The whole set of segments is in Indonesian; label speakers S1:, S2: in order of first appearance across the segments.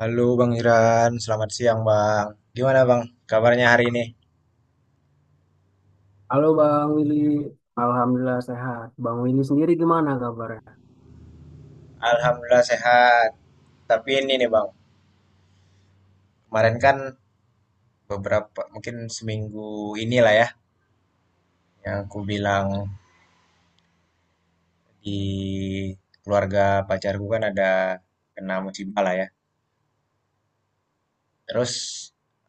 S1: Halo Bang Iran, selamat siang Bang. Gimana Bang kabarnya hari ini?
S2: Halo Bang Willy, Alhamdulillah sehat. Bang Willy sendiri gimana kabarnya?
S1: Alhamdulillah sehat. Tapi ini nih Bang, kemarin kan beberapa, mungkin seminggu inilah ya, yang aku bilang di keluarga pacarku kan ada kena musibah lah ya. Terus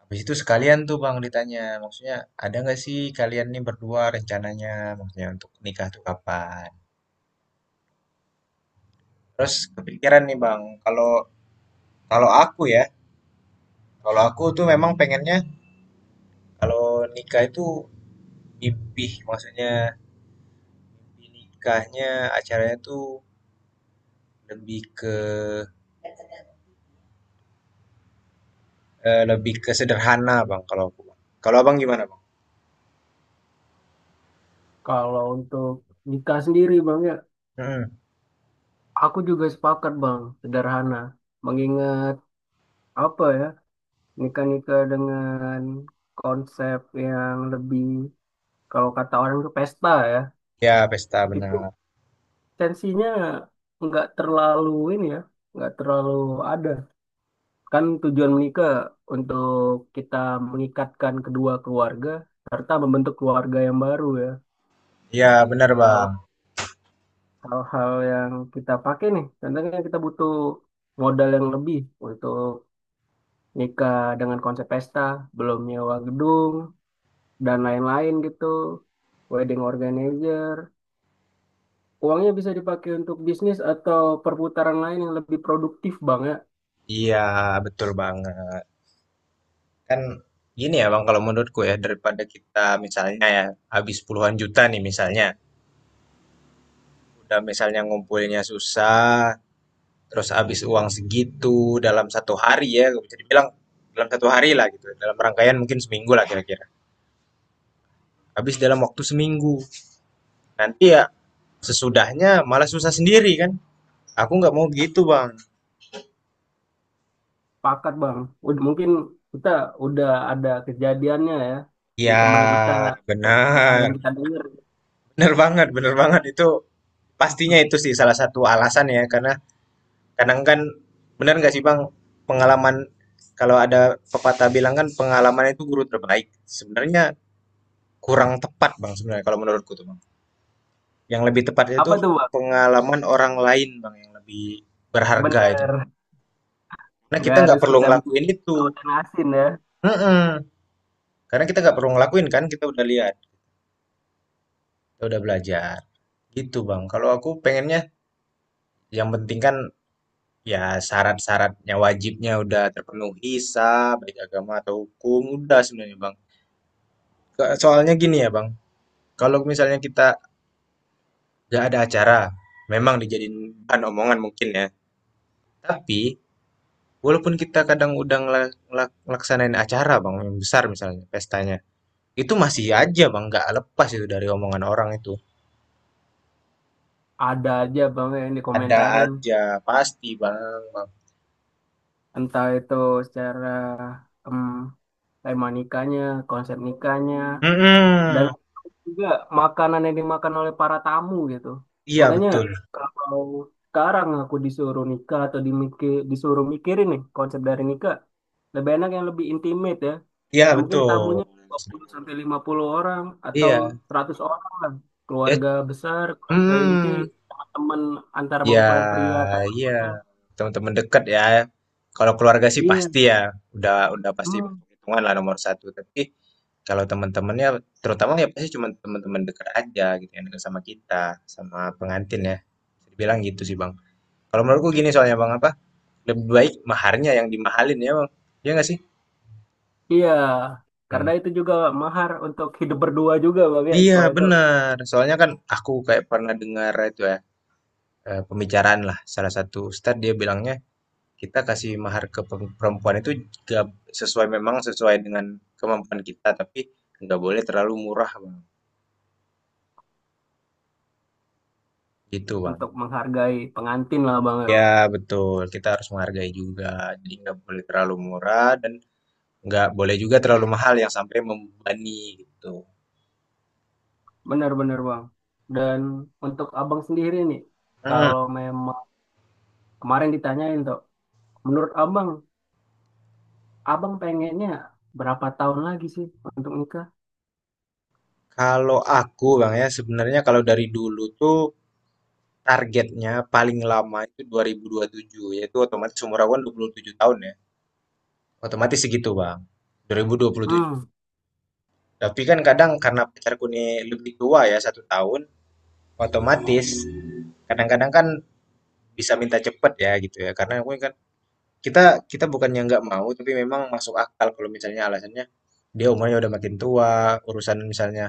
S1: habis itu sekalian tuh Bang ditanya, maksudnya ada nggak sih kalian nih berdua rencananya, maksudnya untuk nikah tuh kapan? Terus kepikiran nih Bang, kalau kalau aku ya, kalau aku tuh memang pengennya kalau nikah itu mimpi, maksudnya mimpi nikahnya acaranya tuh lebih ke lebih ke sederhana, Bang, kalau aku. Bang. Kalau Abang gimana, Bang?
S2: Kalau untuk nikah sendiri Bang ya,
S1: Mm.
S2: aku juga sepakat Bang, sederhana. Mengingat apa ya, nikah-nikah dengan konsep yang lebih, kalau kata orang itu pesta ya,
S1: Ya, pesta
S2: itu
S1: benar.
S2: tensinya nggak terlalu ini ya, nggak terlalu ada. Kan tujuan menikah untuk kita mengikatkan kedua keluarga, serta membentuk keluarga yang baru ya.
S1: Ya benar,
S2: Kalau
S1: Bang.
S2: hal-hal yang kita pakai nih, contohnya kita butuh modal yang lebih untuk nikah dengan konsep pesta, belum nyewa gedung, dan lain-lain gitu, wedding organizer. Uangnya bisa dipakai untuk bisnis atau perputaran lain yang lebih produktif bang ya,
S1: Iya, betul banget. Kan gini ya, Bang, kalau menurutku ya daripada kita misalnya ya habis puluhan juta nih misalnya, udah misalnya ngumpulinnya susah, terus habis uang segitu dalam satu hari ya, bisa dibilang dalam satu hari lah gitu, dalam rangkaian mungkin seminggu lah kira-kira, habis dalam waktu seminggu. Nanti ya sesudahnya malah susah sendiri kan. Aku nggak mau gitu, Bang.
S2: pakat bang. Mungkin kita udah ada kejadiannya ya di teman kita,
S1: Ya,
S2: hal-hal
S1: benar.
S2: yang kita dengar.
S1: Benar banget itu pastinya itu sih salah satu alasan ya karena kadang kan benar nggak sih, Bang, pengalaman kalau ada pepatah bilang kan pengalaman itu guru terbaik. Sebenarnya kurang tepat, Bang, sebenarnya kalau menurutku tuh, Bang. Yang lebih tepatnya
S2: Apa
S1: itu
S2: tuh bang?
S1: pengalaman orang lain, Bang, yang lebih berharga itu.
S2: Bener,
S1: Karena kita
S2: nggak
S1: nggak
S2: harus
S1: perlu
S2: kita
S1: ngelakuin itu.
S2: tahu dan asin ya.
S1: Mm-mm. Karena kita nggak perlu ngelakuin kan, kita udah lihat, kita udah belajar. Gitu Bang. Kalau aku pengennya yang penting kan ya syarat-syaratnya wajibnya udah terpenuhi sah, baik agama atau hukum, udah sebenarnya Bang. Soalnya gini ya Bang, kalau misalnya kita nggak ada acara, memang dijadiin bahan omongan mungkin ya. Tapi walaupun kita kadang udah ngelaksanain acara Bang, yang besar misalnya pestanya, itu masih aja Bang, nggak lepas itu dari omongan orang itu.
S2: Ada aja bang yang
S1: Ada
S2: dikomentarin,
S1: aja, pasti Bang. Bang.
S2: entah itu secara em, tema nikahnya, konsep nikahnya, dan
S1: Mhm,
S2: juga makanan yang dimakan oleh para tamu gitu.
S1: iya
S2: Makanya
S1: betul.
S2: kalau sekarang aku disuruh nikah atau dimikir, disuruh mikirin nih konsep dari nikah, lebih enak yang lebih intimate ya.
S1: Iya
S2: Ya mungkin
S1: betul.
S2: tamunya 20 sampai 50 orang atau
S1: Iya,
S2: 100 orang lah.
S1: ya.
S2: Keluarga besar, keluarga inti,
S1: Hmm,
S2: teman-teman antara
S1: ya,
S2: mempelai pria atau
S1: iya.
S2: wanita.
S1: Teman-teman dekat ya. Kalau keluarga sih
S2: Iya.
S1: pasti ya, udah pasti masuk
S2: Hmm,
S1: hitungan lah nomor satu. Tapi kalau teman-temannya, terutama ya pasti cuma teman-teman dekat aja gitu yang dekat sama kita, sama pengantin ya. Bisa dibilang gitu sih bang. Kalau menurutku gini soalnya bang apa? Lebih baik maharnya yang dimahalin ya bang. Iya nggak sih?
S2: iya, karena
S1: Hmm.
S2: itu juga mahar untuk hidup berdua juga bang ya.
S1: Iya
S2: Setelah itu
S1: benar, soalnya kan aku kayak pernah dengar itu ya pembicaraan lah salah satu ustadz dia bilangnya kita kasih mahar ke perempuan itu gak sesuai, memang sesuai dengan kemampuan kita, tapi nggak boleh terlalu murah bang, gitu bang.
S2: untuk menghargai pengantin lah bang, ya.
S1: Ya betul, kita harus menghargai juga, jadi nggak boleh terlalu murah dan nggak boleh juga terlalu mahal yang sampai membebani gitu.
S2: Benar-benar bang. Dan untuk abang sendiri nih,
S1: Hmm.
S2: kalau memang kemarin ditanyain tuh, menurut abang, abang pengennya berapa tahun lagi sih untuk nikah?
S1: Kalau aku bang ya sebenarnya kalau dari dulu tuh targetnya paling lama itu 2027, yaitu otomatis umur aku kan 27 tahun ya. Otomatis segitu, Bang. 2027.
S2: Hmm,
S1: Tapi kan kadang karena pacarku ini lebih tua ya, satu tahun, otomatis kadang-kadang kan bisa minta cepet ya gitu ya. Karena aku kan kita kita bukannya nggak mau, tapi memang masuk akal kalau misalnya alasannya dia umurnya udah makin tua, urusan misalnya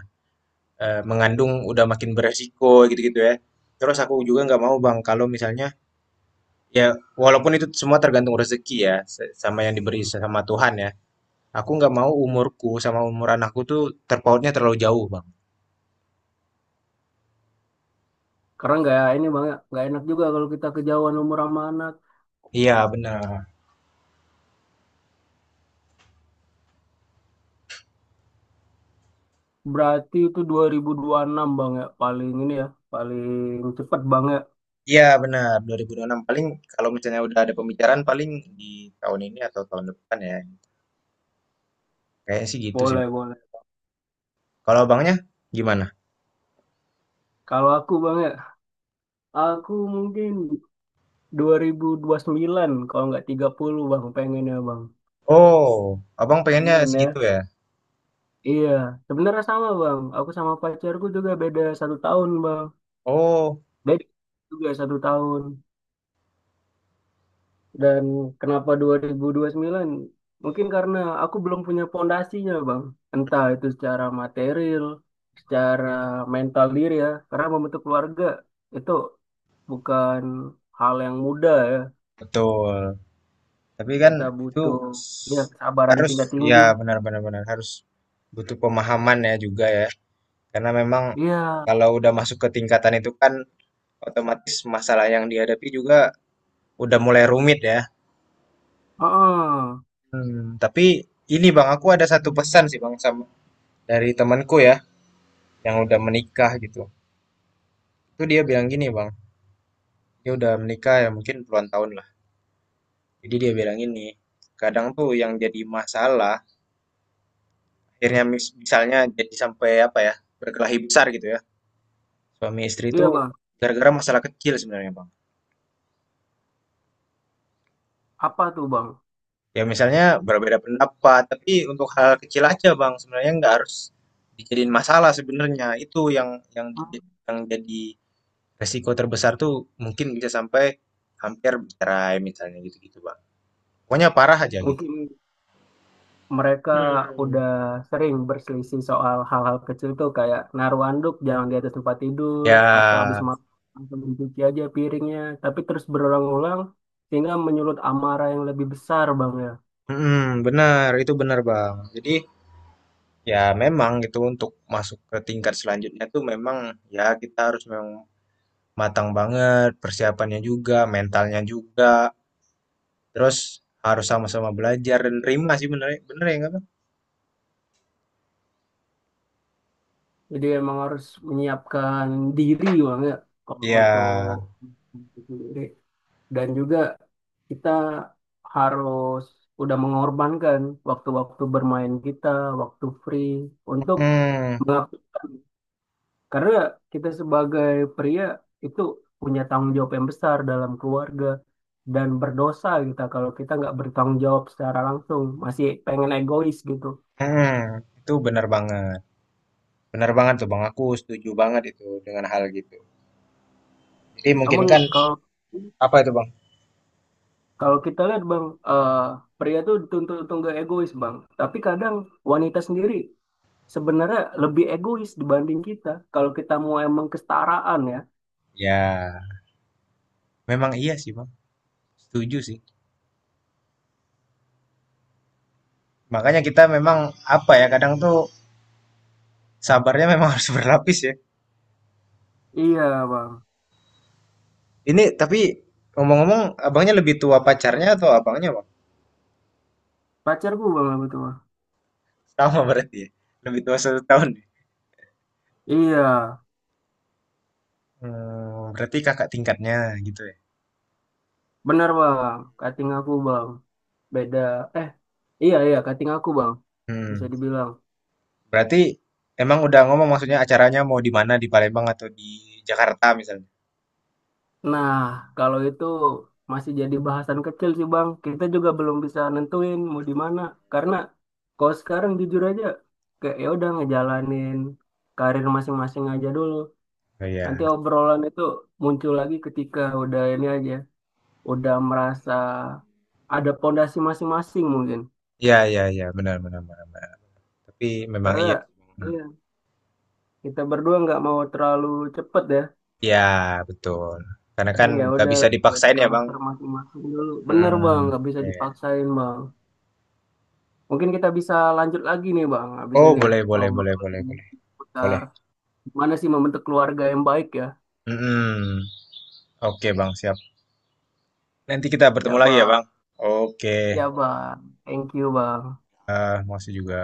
S1: mengandung udah makin beresiko gitu-gitu ya. Terus aku juga nggak mau, Bang, kalau misalnya, ya, walaupun itu semua tergantung rezeki ya, sama yang diberi sama Tuhan ya. Aku nggak mau umurku sama umur anakku tuh terpautnya terlalu jauh, Bang.
S2: karena nggak ini bang ya, nggak enak juga kalau kita kejauhan umur sama anak.
S1: Iya, benar.
S2: Berarti itu dua ribu enam bang ya, paling ini ya, paling cepet bang ya.
S1: Iya, benar. 2026 paling kalau misalnya udah ada pembicaraan paling di tahun ini atau tahun depan ya. Kayaknya sih gitu sih.
S2: Boleh, boleh.
S1: Kalau abangnya gimana?
S2: Kalau aku bang. Aku mungkin dua ribu sembilan, kalau nggak 30 bang pengennya bang.
S1: Oh, abang pengennya
S2: Pengen ya.
S1: segitu ya.
S2: Iya, sebenarnya sama bang. Aku sama pacarku juga beda satu tahun bang.
S1: Oh,
S2: Beda juga satu tahun. Dan kenapa dua ribu sembilan? Mungkin karena aku belum punya pondasinya bang. Entah itu secara material, secara mental diri ya. Karena membentuk keluarga itu bukan hal yang mudah ya.
S1: betul. Tapi kan
S2: Kita
S1: itu
S2: butuh ya
S1: s-
S2: kesabaran
S1: harus,
S2: tingkat
S1: ya
S2: tinggi.
S1: benar-benar benar benar, benar. Harus butuh pemahaman ya juga ya. Karena memang
S2: Iya,
S1: kalau udah masuk ke tingkatan itu kan otomatis masalah yang dihadapi juga udah mulai rumit ya.
S2: heeh.
S1: Hmm, tapi ini Bang, aku ada satu pesan sih Bang sama dari temanku ya yang udah menikah gitu. Itu dia bilang gini Bang, dia udah menikah ya mungkin puluhan tahun lah. Jadi dia bilang gini, kadang tuh yang jadi masalah akhirnya misalnya jadi sampai apa ya berkelahi besar gitu ya. Suami istri itu
S2: Iya bang.
S1: gara-gara masalah kecil sebenarnya Bang.
S2: Apa tuh bang?
S1: Ya misalnya berbeda pendapat, tapi untuk hal kecil aja Bang, sebenarnya nggak harus dijadiin masalah sebenarnya. Itu
S2: Hmm.
S1: yang jadi resiko terbesar tuh mungkin bisa sampai hampir cerai misalnya gitu-gitu Bang. Pokoknya parah aja gitu.
S2: Mungkin mereka
S1: Hmm.
S2: udah sering berselisih soal hal-hal kecil tuh kayak naruh anduk jangan di atas tempat tidur atau habis
S1: Ya,
S2: makan langsung dicuci aja piringnya. Tapi terus berulang-ulang sehingga menyulut amarah yang lebih besar bang ya.
S1: benar itu benar Bang. Jadi ya memang gitu untuk masuk ke tingkat selanjutnya tuh memang ya kita harus memang matang banget, persiapannya juga, mentalnya juga. Terus harus sama-sama belajar dan terima sih bener bener ya nggak Bang?
S2: Jadi emang harus menyiapkan diri bang ya kalau
S1: Iya.
S2: untuk dan juga kita harus udah mengorbankan waktu-waktu bermain kita, waktu free untuk
S1: Hmm,
S2: mengap- karena kita sebagai pria itu punya tanggung jawab yang besar dalam keluarga dan berdosa kita kalau kita nggak bertanggung jawab secara langsung, masih pengen egois gitu.
S1: hmm, itu bener banget. Bener banget tuh Bang, aku setuju banget itu dengan hal gitu. Jadi mungkin
S2: Namun
S1: kan
S2: kalau
S1: apa itu Bang?
S2: kalau kita lihat bang, eh, pria tuh dituntut untuk nggak egois bang, tapi kadang wanita sendiri sebenarnya lebih egois dibanding kita. Kalau kita mau emang kesetaraan ya.
S1: Ya, memang iya sih Bang, setuju sih. Makanya kita memang apa ya, kadang tuh sabarnya memang harus berlapis ya.
S2: Iya bang,
S1: Ini tapi ngomong-ngomong, abangnya lebih tua pacarnya atau abangnya Bang?
S2: pacarku bang apa itu bang.
S1: Sama berarti ya, lebih tua satu tahun, ya?
S2: Iya,
S1: Hmm, berarti kakak tingkatnya gitu ya.
S2: benar bang, kating aku bang. Beda, eh iya iya kating aku bang, bisa
S1: Hmm.
S2: dibilang.
S1: Berarti emang udah ngomong maksudnya acaranya mau di mana, di Palembang atau di Jakarta misalnya?
S2: Nah, kalau itu masih jadi bahasan kecil sih bang. Kita juga belum bisa nentuin mau di mana. Karena kalau sekarang jujur aja, kayak ya udah ngejalanin karir masing-masing aja dulu.
S1: Oh iya.
S2: Nanti obrolan itu muncul lagi ketika udah ini aja. Udah merasa ada pondasi masing-masing mungkin.
S1: Iya, iya, iya, benar, benar, benar, benar. Tapi memang
S2: Karena
S1: iya.
S2: iya, kita berdua nggak mau terlalu cepet ya.
S1: Iya, betul. Karena kan
S2: Kadang ya
S1: nggak
S2: udah
S1: bisa
S2: lihat
S1: dipaksain ya, Bang.
S2: karakter masing-masing dulu. Bener bang,
S1: Hmm,
S2: nggak bisa
S1: iya.
S2: dipaksain bang. Mungkin kita bisa lanjut lagi nih bang, habis
S1: Oh,
S2: ini
S1: boleh, boleh, boleh,
S2: ngobrol
S1: boleh, boleh. Boleh.
S2: seputar gimana sih membentuk keluarga yang baik ya.
S1: Hmm, oke, Bang, siap. Nanti kita bertemu
S2: Ya
S1: lagi ya,
S2: bang,
S1: Bang. Oke,
S2: ya bang. Thank you bang.
S1: eh, makasih juga.